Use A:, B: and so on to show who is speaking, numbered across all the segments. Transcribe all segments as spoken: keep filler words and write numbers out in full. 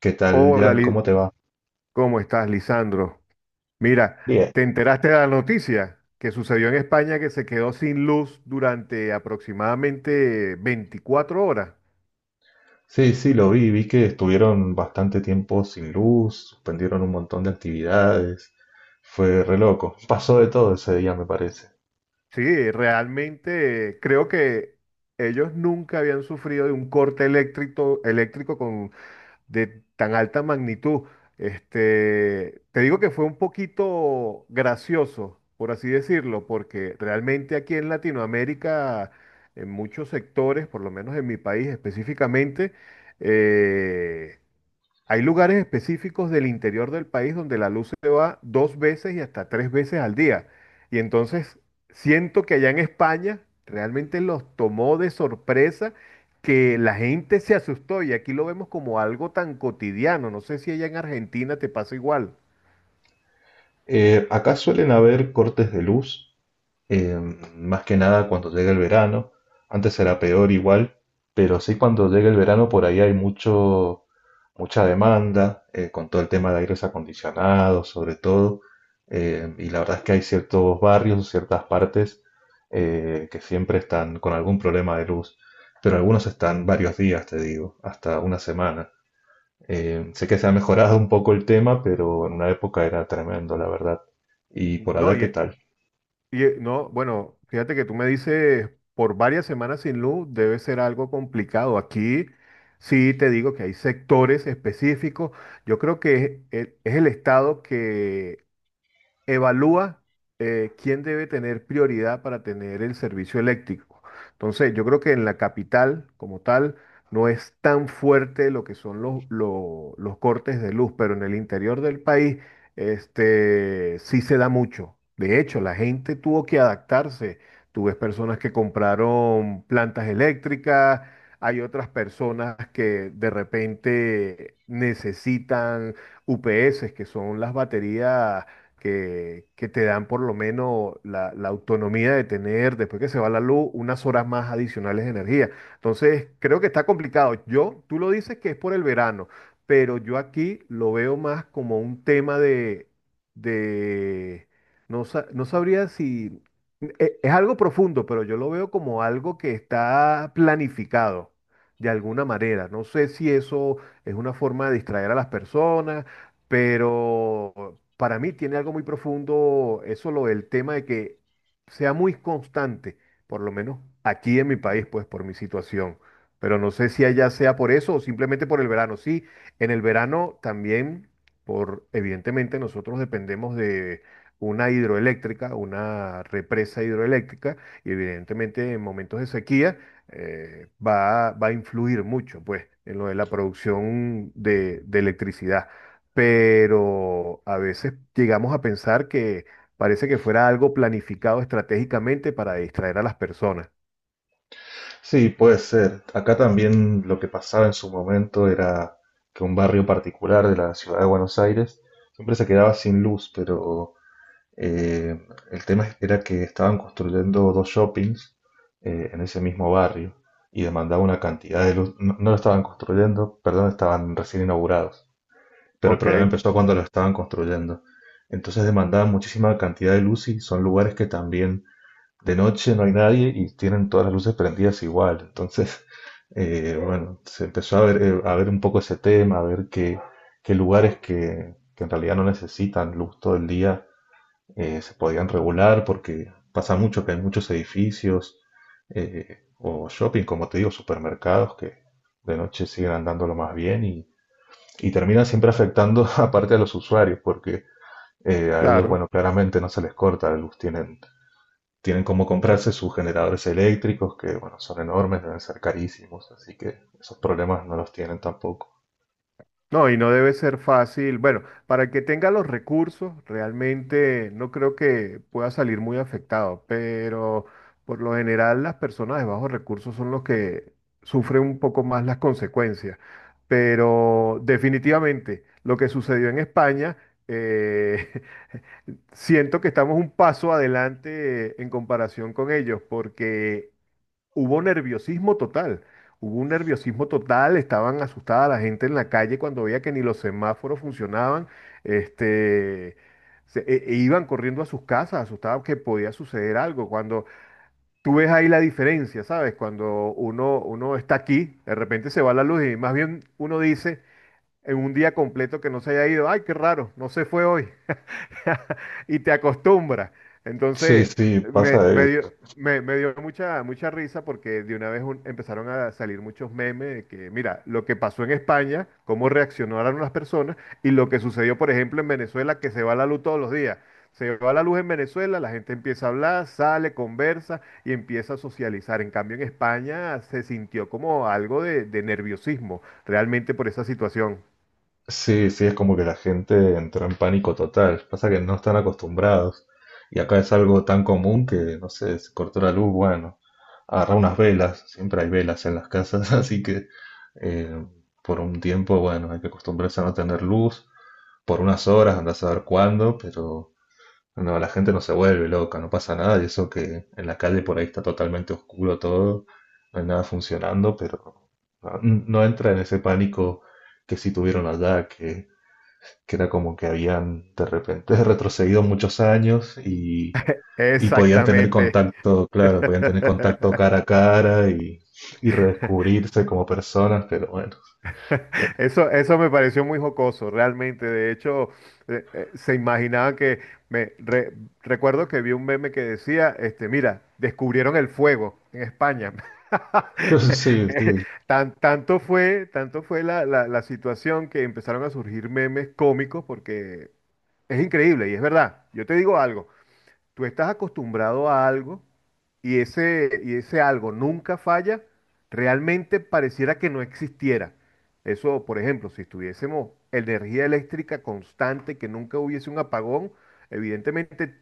A: ¿Qué tal,
B: Hola,
A: Jan? ¿Cómo
B: Li-
A: te va?
B: ¿cómo estás, Lisandro? Mira,
A: Bien.
B: ¿te enteraste de la noticia que sucedió en España que se quedó sin luz durante aproximadamente veinticuatro horas?
A: Sí, sí, lo vi, vi que estuvieron bastante tiempo sin luz, suspendieron un montón de actividades, fue re loco, pasó de todo ese día me parece.
B: Sí, realmente eh, creo que ellos nunca habían sufrido de un corte eléctrico, eléctrico con de tan alta magnitud. Este, te digo que fue un poquito gracioso, por así decirlo, porque realmente aquí en Latinoamérica, en muchos sectores, por lo menos en mi país específicamente, eh, hay lugares específicos del interior del país donde la luz se va dos veces y hasta tres veces al día. Y entonces siento que allá en España realmente los tomó de sorpresa, que la gente se asustó y aquí lo vemos como algo tan cotidiano. No sé si allá en Argentina te pasa igual.
A: Eh, acá suelen haber cortes de luz, eh, más que nada cuando llegue el verano. Antes era peor igual, pero sí cuando llegue el verano por ahí hay mucho, mucha demanda, eh, con todo el tema de aires acondicionados, sobre todo. Eh, y la verdad es que hay ciertos barrios, ciertas partes, eh, que siempre están con algún problema de luz, pero algunos están varios días, te digo, hasta una semana. Eh, sé que se ha mejorado un poco el tema, pero en una época era tremendo, la verdad. ¿Y por
B: No,
A: allá
B: y,
A: qué tal?
B: Y, eh, no, bueno, fíjate que tú me dices por varias semanas sin luz debe ser algo complicado. Aquí sí te digo que hay sectores específicos. Yo creo que es el, es el estado evalúa eh, quién debe tener prioridad para tener el servicio eléctrico. Entonces, yo creo que en la capital, como tal, no es tan fuerte lo que son los, lo- los cortes de luz, pero en el interior del país, este, sí se da mucho. De hecho, la gente tuvo que adaptarse. Tú ves personas que compraron plantas eléctricas, hay otras personas que de repente necesitan U P S, que son las baterías que, que te dan por lo menos la, la autonomía de tener, después que se va la luz, unas horas más adicionales de energía. Entonces, creo que está complicado. Yo, tú lo dices que es por el verano, pero yo aquí lo veo más como un tema de, de, no, sa- no sabría si, e- es algo profundo, pero yo lo veo como algo que está planificado de alguna manera. No sé si eso es una forma de distraer a las personas, pero para mí tiene algo muy profundo eso, lo del tema de que sea muy constante, por lo menos aquí en mi país, pues por mi situación. Pero no sé si allá sea por eso o simplemente por el verano. Sí, en el verano también, por evidentemente nosotros dependemos de una hidroeléctrica, una represa hidroeléctrica, y evidentemente en momentos de sequía eh, va, va a influir mucho, pues, en lo de la producción de de electricidad, pero a veces llegamos a pensar que parece que fuera algo planificado estratégicamente para distraer a las personas.
A: Sí, puede ser. Acá también lo que pasaba en su momento era que un barrio particular de la ciudad de Buenos Aires siempre se quedaba sin luz, pero eh, el tema era que estaban construyendo dos shoppings eh, en ese mismo barrio y demandaba una cantidad de luz. No, no lo estaban construyendo, perdón, estaban recién inaugurados, pero el
B: Ok,
A: problema empezó cuando lo estaban construyendo. Entonces demandaban muchísima cantidad de luz y son lugares que también de noche no hay nadie y tienen todas las luces prendidas igual. Entonces, eh, bueno, se empezó a ver, eh, a ver un poco ese tema, a ver qué, qué lugares que, que en realidad no necesitan luz todo el día, eh, se podían regular porque pasa mucho que hay muchos edificios, eh, o shopping, como te digo, supermercados que de noche siguen andándolo más bien, y, y terminan siempre afectando aparte a los usuarios porque, eh, a ellos,
B: claro.
A: bueno, claramente no se les corta la luz, tienen tienen como comprarse sus generadores eléctricos, que bueno, son enormes, deben ser carísimos, así que esos problemas no los tienen tampoco.
B: No, y no debe ser fácil. Bueno, para el que tenga los recursos, realmente no creo que pueda salir muy afectado, pero por lo general las personas de bajos recursos son los que sufren un poco más las consecuencias. Pero definitivamente lo que sucedió en España... eh, Siento que estamos un paso adelante en comparación con ellos, porque hubo nerviosismo total. Hubo un nerviosismo total, estaban asustada la gente en la calle cuando veía que ni los semáforos funcionaban. Este, se- e- e Iban corriendo a sus casas, asustados que podía suceder algo. Cuando tú ves ahí la diferencia, ¿sabes? Cuando uno, uno está aquí, de repente se va la luz y más bien uno dice, en un día completo que no se haya ido, ay, qué raro, no se fue hoy. Y te acostumbras.
A: Sí,
B: Entonces,
A: sí,
B: me,
A: pasa
B: me dio,
A: eso.
B: me, me dio mucha, mucha risa porque de una vez un- empezaron a salir muchos memes de que, mira, lo que pasó en España, cómo reaccionaron las personas y lo que sucedió, por ejemplo, en Venezuela, que se va la luz todos los días. Se va la luz en Venezuela, la gente empieza a hablar, sale, conversa y empieza a socializar. En cambio, en España se sintió como algo de, de nerviosismo realmente por esa situación.
A: Sí, sí, es como que la gente entró en pánico total. Pasa que no están acostumbrados. Y acá es algo tan común que, no sé, se cortó la luz, bueno, agarra unas velas, siempre hay velas en las casas, así que, eh, por un tiempo, bueno, hay que acostumbrarse a no tener luz, por unas horas, andás a saber cuándo, pero no, la gente no se vuelve loca, no pasa nada, y eso que en la calle por ahí está totalmente oscuro todo, no hay nada funcionando, pero no, no entra en ese pánico que sí tuvieron allá, que, que era como que habían de repente retrocedido muchos años, y, y podían tener
B: Exactamente.
A: contacto, claro, podían tener contacto cara a cara, y, y redescubrirse como personas, pero bueno,
B: Eso, eso me pareció muy jocoso, realmente. De hecho, eh, eh, se imaginaban que me re- recuerdo que vi un meme que decía, este, mira, descubrieron el fuego en España.
A: sí,
B: Que
A: sí,
B: Tan, tanto fue, tanto fue la, la, la situación que empezaron a surgir memes cómicos porque es increíble y es verdad. Yo te digo algo, tú estás acostumbrado a algo y ese, y ese algo nunca falla, realmente pareciera que no existiera. Eso, por ejemplo, si tuviésemos energía eléctrica constante, que nunca hubiese un apagón, evidentemente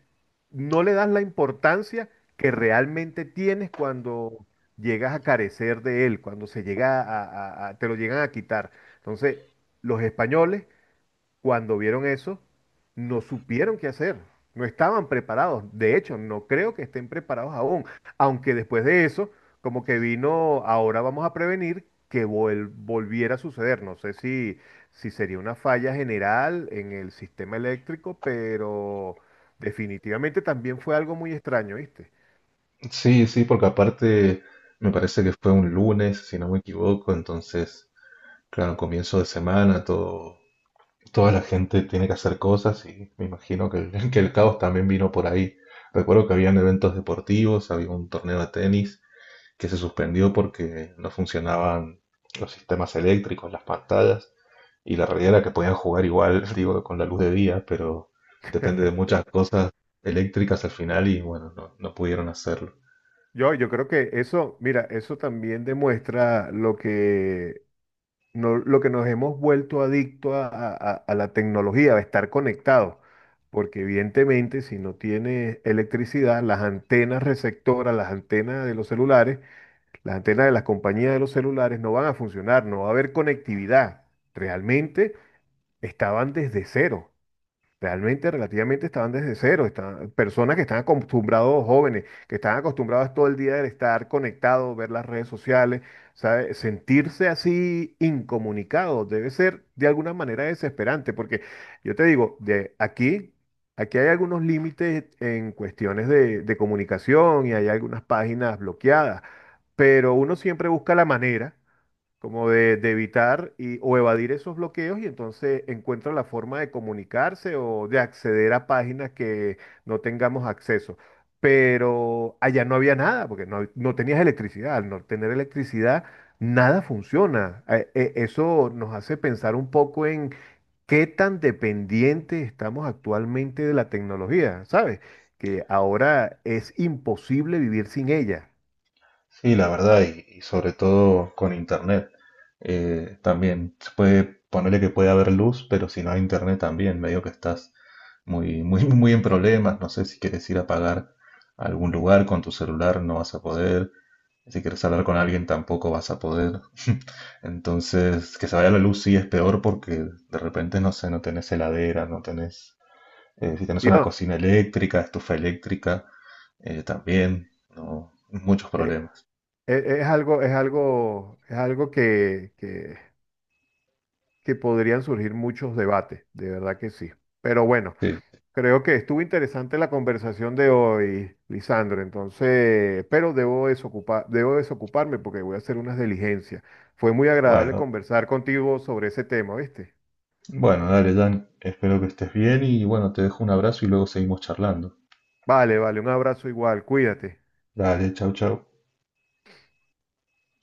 B: no le das la importancia que realmente tienes cuando llegas a carecer de él, cuando se llega a, a- a- te lo llegan a quitar. Entonces, los españoles cuando vieron eso, no supieron qué hacer, no estaban preparados. De hecho, no creo que estén preparados aún, aunque después de eso, como que vino, ahora vamos a prevenir que vol- volviera a suceder. No sé si, si sería una falla general en el sistema eléctrico, pero definitivamente también fue algo muy extraño, ¿viste?
A: sí, sí, porque aparte me parece que fue un lunes, si no me equivoco, entonces claro, comienzo de semana, todo, toda la gente tiene que hacer cosas y me imagino que el que el caos también vino por ahí. Recuerdo que habían eventos deportivos, había un torneo de tenis que se suspendió porque no funcionaban los sistemas eléctricos, las pantallas, y la realidad era que podían jugar igual, digo, con la luz de día, pero depende de muchas cosas eléctricas al final y bueno, no, no pudieron hacerlo.
B: Yo, yo creo que eso, mira, eso también demuestra lo que no- lo que nos hemos vuelto adicto a, a- a- a la tecnología, a estar conectados, porque evidentemente si no tienes electricidad, las antenas receptoras, las antenas de los celulares, las antenas de las compañías de los celulares no van a funcionar, no va a haber conectividad. Realmente estaban desde cero. Realmente, relativamente estaban desde cero, estaban, personas que están acostumbrados, jóvenes, que están acostumbrados todo el día de estar conectados, ver las redes sociales, ¿sabe? Sentirse así incomunicado debe ser de alguna manera desesperante, porque yo te digo, de aquí, aquí hay algunos límites en cuestiones de, de comunicación y hay algunas páginas bloqueadas, pero uno siempre busca la manera como de, de evitar y, o evadir esos bloqueos y entonces encuentra la forma de comunicarse o de acceder a páginas que no tengamos acceso. Pero allá no había nada, porque no, no tenías electricidad. Al no tener electricidad, nada funciona. Eh, eh, Eso nos hace pensar un poco en qué tan dependientes estamos actualmente de la tecnología, ¿sabes? Que ahora es imposible vivir sin ella.
A: Sí, la verdad, y, y sobre todo con internet. Eh, también se puede ponerle que puede haber luz, pero si no hay internet también, medio que estás muy, muy, muy en problemas. No sé si quieres ir a pagar a algún lugar con tu celular, no vas a poder. Si quieres hablar con alguien, tampoco vas a poder. Entonces, que se vaya la luz sí es peor porque de repente, no sé, no tenés heladera, no tenés. Eh, si tenés
B: Y,
A: una
B: oh,
A: cocina eléctrica, estufa eléctrica, eh, también, no, muchos problemas.
B: e- e, es, algo, es algo, es algo que, que, que podrían surgir muchos debates, de verdad que sí. Pero bueno,
A: Sí.
B: creo que estuvo interesante la conversación de hoy, Lisandro. Entonces, pero debo desocupar, debo desocuparme porque voy a hacer unas diligencias. Fue muy agradable
A: Bueno,
B: conversar contigo sobre ese tema, ¿viste?
A: bueno, dale, Dan, espero que estés bien y bueno, te dejo un abrazo y luego seguimos charlando.
B: Vale, vale, un abrazo igual, cuídate.
A: Dale, chau, chau.